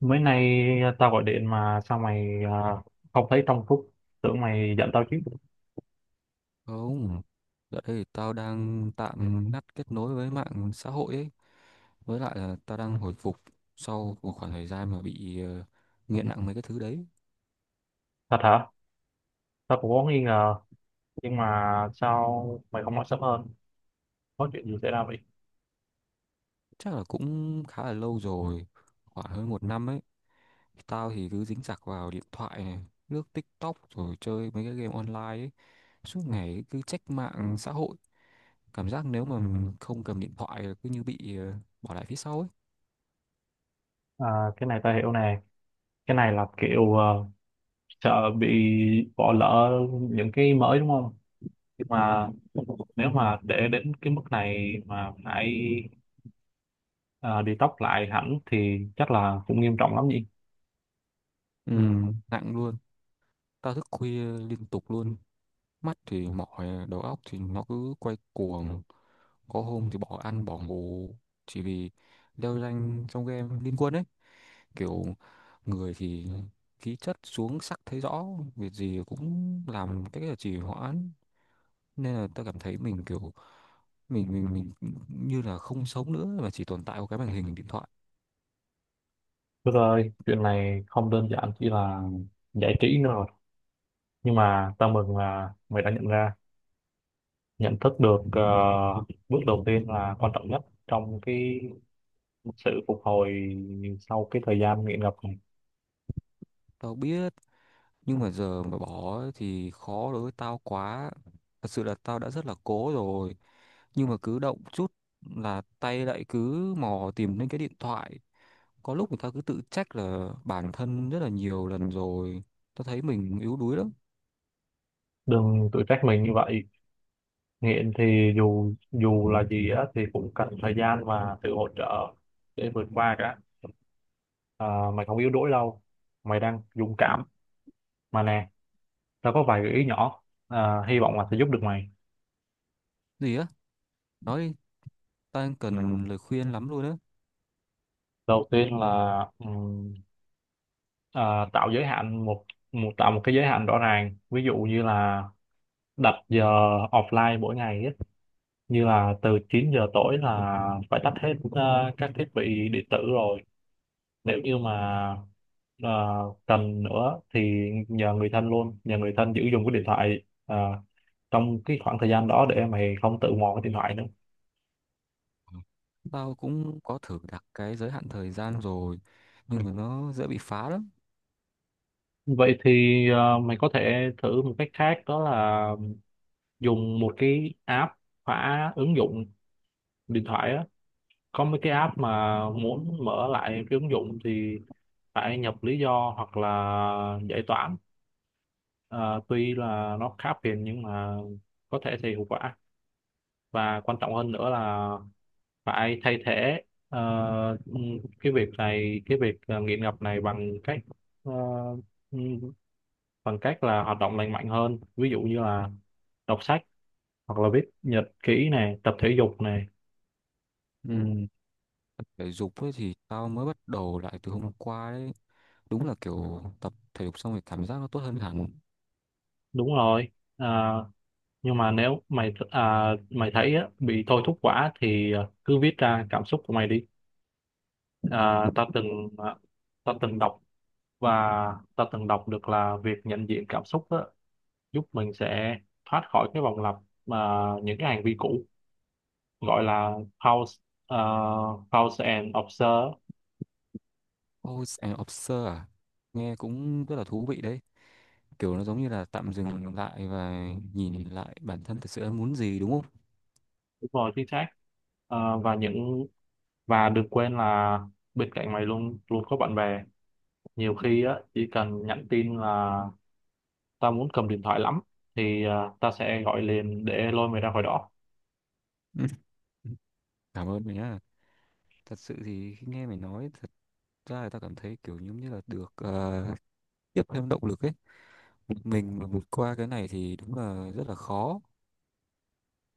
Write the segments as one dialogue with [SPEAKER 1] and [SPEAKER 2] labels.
[SPEAKER 1] Mới nay, tao gọi điện mà sao mày không thấy trong phút, tưởng mày giận tao chứ.
[SPEAKER 2] Không, dạo đây thì tao đang tạm ngắt kết nối với mạng xã hội ấy. Với lại là tao đang hồi phục sau một khoảng thời gian mà bị nghiện nặng mấy cái thứ đấy.
[SPEAKER 1] Thật hả? Tao cũng có nghi ngờ, nhưng mà sao mày không nói sớm hơn? Có chuyện gì xảy ra vậy?
[SPEAKER 2] Chắc là cũng khá là lâu rồi, khoảng hơn một năm ấy. Tao thì cứ dính chặt vào điện thoại này, lướt TikTok rồi chơi mấy cái game online ấy. Suốt ngày cứ check mạng xã hội. Cảm giác nếu mà mình không cầm điện thoại là cứ như bị bỏ lại phía sau ấy.
[SPEAKER 1] À, cái này tao hiểu nè. Cái này là kiểu sợ bị bỏ lỡ những cái mới, đúng không? Nhưng mà nếu mà để đến cái mức này mà phải đi tóc lại hẳn thì chắc là cũng nghiêm trọng lắm nhỉ?
[SPEAKER 2] Ừ, nặng luôn. Tao thức khuya liên tục luôn. Mắt thì mỏi, đầu óc thì nó cứ quay cuồng. Có hôm thì bỏ ăn bỏ ngủ chỉ vì leo rank trong game liên quân ấy. Kiểu người thì khí chất xuống sắc thấy rõ, việc gì cũng làm cái là trì hoãn. Nên là ta cảm thấy mình kiểu mình như là không sống nữa mà chỉ tồn tại qua cái màn hình điện thoại.
[SPEAKER 1] Được rồi, chuyện này không đơn giản chỉ là giải trí nữa, nhưng mà tao mừng là mày đã nhận ra, nhận thức được ờ, Bước đầu tiên là quan trọng nhất trong cái sự phục hồi sau cái thời gian nghiện ngập này.
[SPEAKER 2] Tao biết, nhưng mà giờ mà bỏ thì khó đối với tao quá. Thật sự là tao đã rất là cố rồi, nhưng mà cứ động chút là tay lại cứ mò tìm đến cái điện thoại. Có lúc người ta cứ tự trách là bản thân rất là nhiều lần rồi. Tao thấy mình yếu đuối lắm.
[SPEAKER 1] Đừng tự trách mình như vậy, nghiện thì dù dù là gì á thì cũng cần thời gian và sự hỗ trợ để vượt qua cả. À, mày không yếu đuối đâu, mày đang dũng cảm mà nè, tao có vài gợi ý nhỏ, hy vọng là sẽ giúp được mày.
[SPEAKER 2] Gì á? Nói đi, tao đang cần lời khuyên lắm luôn á.
[SPEAKER 1] Đầu tiên là Ờ, tạo giới hạn một, tạo một cái giới hạn rõ ràng, ví dụ như là đặt giờ offline mỗi ngày ấy. Như là từ 9 giờ tối là phải tắt hết các thiết bị điện tử rồi. Nếu như mà ờ, cần nữa thì nhờ người thân giữ dùng cái điện thoại trong cái khoảng thời gian đó để mày không tự mò cái điện thoại nữa.
[SPEAKER 2] Tao cũng có thử đặt cái giới hạn thời gian rồi, nhưng mà nó dễ bị phá lắm.
[SPEAKER 1] Vậy thì mày có thể thử một cách khác, đó là dùng một cái app khóa ứng dụng điện thoại á. Có mấy cái app mà muốn mở lại cái ứng dụng thì phải nhập lý do hoặc là giải toán. Ờ, tuy là nó khá phiền nhưng mà có thể thì hiệu quả. Và quan trọng hơn nữa là phải thay thế ờ, cái việc nghiện ngập này ờ, bằng cách là hoạt động lành mạnh hơn, ví dụ như là đọc sách hoặc là viết nhật ký này, tập thể dục này.
[SPEAKER 2] Ừ. Thể dục ấy thì tao mới bắt đầu lại từ hôm qua đấy. Đúng là kiểu tập thể dục xong rồi cảm giác nó tốt hơn hẳn.
[SPEAKER 1] Đúng rồi. Ờ, nhưng mà nếu mày thấy á, bị thôi thúc quá thì cứ viết ra cảm xúc của mày đi. À, ta từng à, ta từng đọc, và ta từng đọc được là việc nhận diện cảm xúc á, giúp mình sẽ thoát khỏi cái vòng lặp mà những cái hành vi cũ, gọi là pause, à, pause and observe.
[SPEAKER 2] House and Observer à? Nghe cũng rất là thú vị đấy, kiểu nó giống như là tạm dừng lại và nhìn lại bản thân thật sự em muốn gì đúng không?
[SPEAKER 1] Đúng rồi, chính xác. À, và đừng quên là bên cạnh mày luôn luôn có bạn bè. Nhiều khi á, chỉ cần nhắn tin là tao muốn cầm điện thoại lắm thì tao sẽ gọi liền để lôi mày ra khỏi đó.
[SPEAKER 2] Ừ. Cảm ơn mày nhá. Thật sự thì khi nghe mày nói thật ra là tao cảm thấy kiểu giống như là được tiếp thêm động lực ấy. Mình mà vượt qua cái này thì đúng là rất là khó.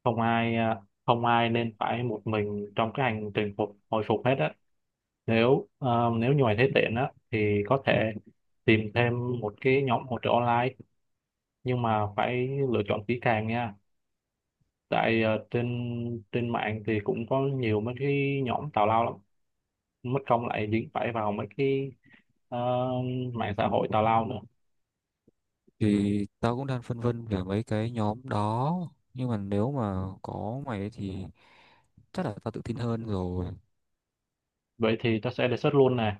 [SPEAKER 1] Không ai à, không ai nên phải một mình trong cái hành trình phục hồi phục hết á. Nếu à, nếu như mày thấy tiện á thì có thể tìm thêm một cái nhóm hỗ trợ online, nhưng mà phải lựa chọn kỹ càng nha. Tại à, trên trên mạng thì cũng có nhiều mấy cái nhóm tào lao lắm, mất công lại dính phải vào mấy cái à, mạng xã hội tào lao nữa.
[SPEAKER 2] Thì tao cũng đang phân vân về mấy cái nhóm đó, nhưng mà nếu mà có mày ấy thì chắc là tao tự tin hơn rồi.
[SPEAKER 1] Vậy thì ta sẽ đề xuất luôn nè.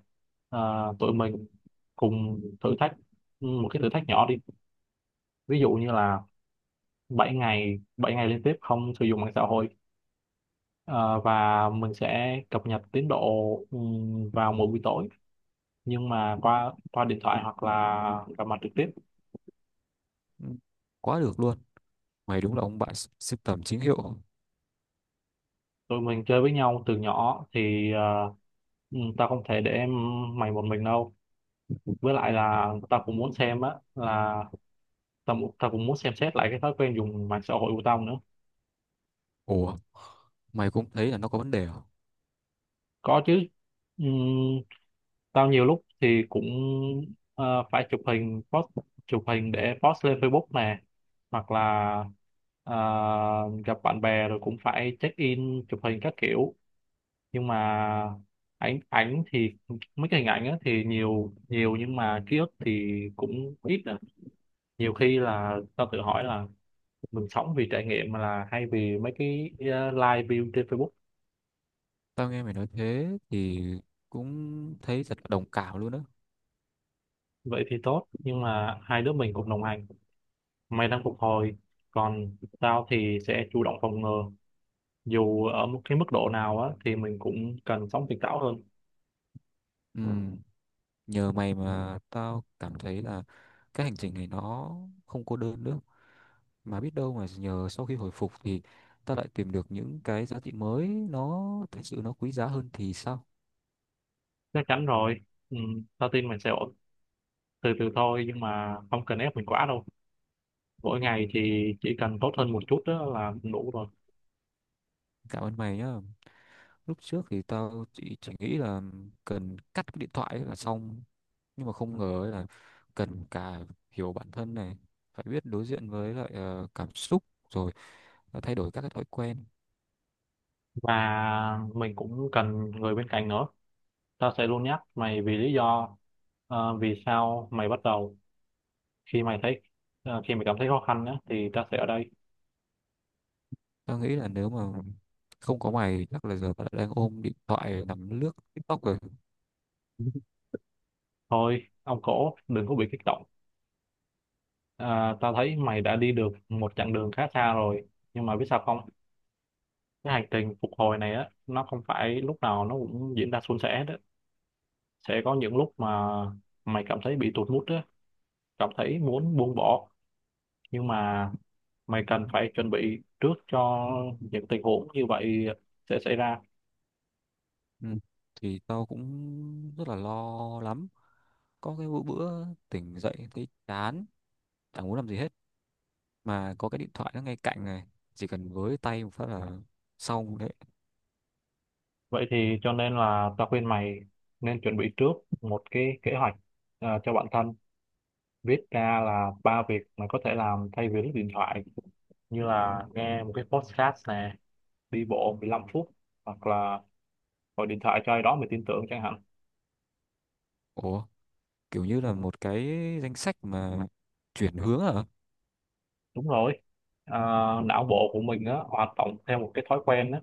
[SPEAKER 1] À, tụi mình cùng thử thách, một cái thử thách nhỏ đi. Ví dụ như là bảy ngày liên tiếp không sử dụng mạng xã hội. Ờ, và mình sẽ cập nhật tiến độ vào mỗi buổi tối, nhưng mà qua qua điện thoại hoặc là gặp mặt trực tiếp.
[SPEAKER 2] Ừ, quá được luôn. Mày đúng là ông bạn sưu tầm chính hiệu.
[SPEAKER 1] Tụi mình chơi với nhau từ nhỏ thì tao không thể để mày một mình đâu. Với lại là tao cũng muốn xem á là tao cũng muốn xem xét lại cái thói quen dùng mạng xã hội của tao nữa.
[SPEAKER 2] Ủa, mày cũng thấy là nó có vấn đề à?
[SPEAKER 1] Có chứ. Ừm, Tao nhiều lúc thì cũng phải chụp hình post chụp hình để post lên Facebook nè, hoặc là ờ, gặp bạn bè rồi cũng phải check in chụp hình các kiểu. Nhưng mà ảnh ảnh thì mấy cái hình ảnh á thì nhiều nhiều, nhưng mà ký ức thì cũng ít á. Nhiều khi là tao tự hỏi là mình sống vì trải nghiệm mà là hay vì mấy cái live view trên Facebook.
[SPEAKER 2] Tao nghe mày nói thế thì cũng thấy thật là đồng cảm luôn á.
[SPEAKER 1] Vậy thì tốt, nhưng mà hai đứa mình cùng đồng hành. Mày đang phục hồi, còn tao thì sẽ chủ động phòng ngừa. Dù ở một cái mức độ nào á thì mình cũng cần sống tỉnh táo hơn.
[SPEAKER 2] Ừ, nhờ mày mà tao cảm thấy là cái hành trình này nó không cô đơn nữa. Mà biết đâu mà nhờ sau khi hồi phục thì tao lại tìm được những cái giá trị mới nó thật sự nó quý giá hơn thì sao?
[SPEAKER 1] Chắc chắn rồi, ừ, tao tin mình sẽ ổn. Từ từ thôi, nhưng mà không cần ép mình quá đâu. Mỗi ngày thì chỉ cần tốt hơn một chút đó là cũng đủ rồi.
[SPEAKER 2] Cảm ơn mày nhá. Lúc trước thì tao chỉ nghĩ là cần cắt cái điện thoại ấy là xong. Nhưng mà không ngờ ấy là cần cả hiểu bản thân này, phải biết đối diện với lại cảm xúc, rồi thay đổi các cái thói quen.
[SPEAKER 1] Và mình cũng cần người bên cạnh nữa. Tao sẽ luôn nhắc mày vì lý do ờ, vì sao mày bắt đầu. Khi mày thấy ờ, khi mày cảm thấy khó khăn á thì tao sẽ ở đây.
[SPEAKER 2] Tao nghĩ là nếu mà không có mày chắc là giờ tao đã đang ôm điện thoại nằm lướt TikTok rồi.
[SPEAKER 1] Thôi ông cổ đừng có bị kích động. À, tao thấy mày đã đi được một chặng đường khá xa rồi, nhưng mà biết sao không, cái hành trình phục hồi này á nó không phải lúc nào nó cũng diễn ra suôn sẻ đó. Sẽ có những lúc mà mày cảm thấy bị tụt mood á, cảm thấy muốn buông bỏ, nhưng mà mày cần phải chuẩn bị trước cho những tình huống như vậy sẽ xảy ra.
[SPEAKER 2] Ừ. Thì tao cũng rất là lo lắm. Có cái bữa tỉnh dậy thấy chán, chẳng muốn làm gì hết. Mà có cái điện thoại nó ngay cạnh này, chỉ cần với tay một phát là xong đấy.
[SPEAKER 1] Vậy thì cho nên là tao khuyên mày nên chuẩn bị trước một cái kế hoạch cho bản thân. Viết ra là ba việc mà có thể làm thay vì lướt điện thoại, như là nghe một cái podcast nè, đi bộ 15 phút, hoặc là gọi điện thoại cho ai đó mình tin tưởng chẳng hạn.
[SPEAKER 2] Ủa, kiểu như là một cái danh sách mà chuyển hướng à?
[SPEAKER 1] Đúng rồi. Ờ, não bộ của mình á hoạt động theo một cái thói quen á.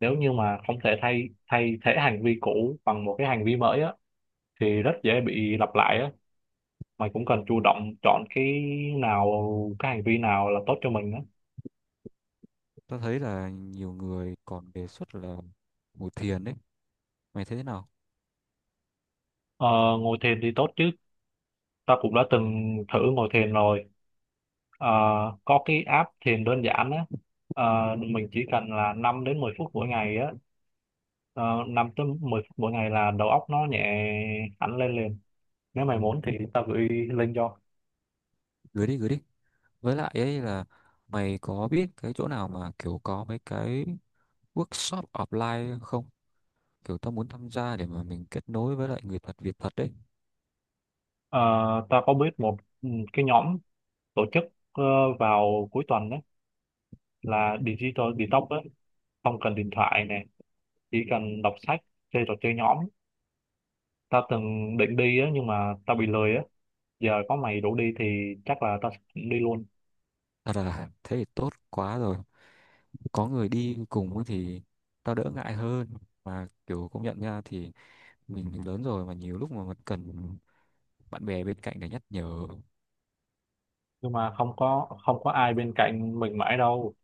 [SPEAKER 1] Nếu như mà không thể thay thay thế hành vi cũ bằng một cái hành vi mới á thì rất dễ bị lặp lại á. Mày cũng cần chủ động chọn cái nào, cái hành vi nào là tốt cho mình á.
[SPEAKER 2] Tao thấy là nhiều người còn đề xuất là ngồi thiền đấy. Mày thấy thế nào?
[SPEAKER 1] Ờ, ngồi thiền thì tốt chứ, ta cũng đã từng thử ngồi thiền rồi. Ờ, có cái app thiền đơn giản á. Mình chỉ cần là 5 đến 10 phút mỗi ngày á 5 tới 10 phút mỗi ngày là đầu óc nó nhẹ hẳn lên liền. Nếu mày muốn thì tao gửi link cho.
[SPEAKER 2] Gửi đi, gửi đi. Với lại ấy là mày có biết cái chỗ nào mà kiểu có mấy cái workshop offline không? Kiểu tao muốn tham gia để mà mình kết nối với lại người thật việc thật đấy.
[SPEAKER 1] Ờ, tao có biết một cái nhóm tổ chức ờ, vào cuối tuần đấy là digital detox á, không cần điện thoại nè, chỉ cần đọc sách, chơi trò chơi nhóm. Tao từng định đi á, nhưng mà tao bị lười á. Giờ có mày rủ đi thì chắc là tao sẽ đi luôn.
[SPEAKER 2] Thật là thế thì tốt quá rồi. Có người đi cùng ấy thì tao đỡ ngại hơn. Mà kiểu công nhận nha thì mình lớn rồi mà nhiều lúc mà mình cần bạn bè bên cạnh để nhắc nhở.
[SPEAKER 1] Nhưng mà không có ai bên cạnh mình mãi đâu.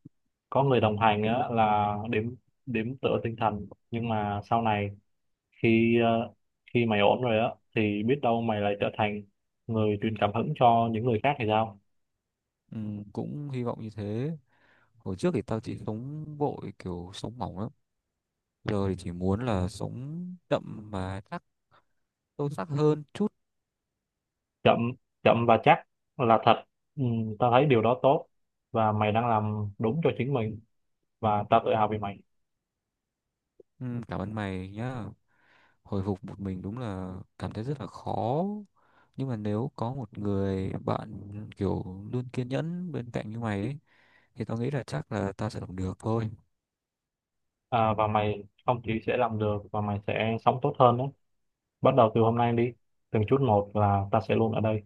[SPEAKER 1] Có người đồng hành á là đếm đếm tựa tinh thần, nhưng mà sau này khi ờ, khi mày ổn rồi á thì biết đâu mày lại trở thành người truyền cảm hứng cho những người khác thì sao.
[SPEAKER 2] Ừ, cũng hy vọng như thế. Hồi trước thì tao chỉ sống vội kiểu sống mỏng lắm. Giờ thì chỉ muốn là sống đậm mà chắc sâu sắc hơn chút.
[SPEAKER 1] Chậm chậm và chắc là thật. ừ, Tao thấy điều đó tốt, và mày đang làm đúng cho chính mình, và tao tự hào vì mày.
[SPEAKER 2] Ừ, cảm ơn mày nhá. Hồi phục một mình đúng là cảm thấy rất là khó. Nhưng mà nếu có một người bạn kiểu luôn kiên nhẫn bên cạnh như mày ấy, thì tao nghĩ là chắc là tao sẽ làm được thôi.
[SPEAKER 1] Và mày không chỉ sẽ làm được, và mày sẽ sống tốt hơn đó. Bắt đầu từ hôm nay đi, từng chút một, là ta sẽ luôn ở đây.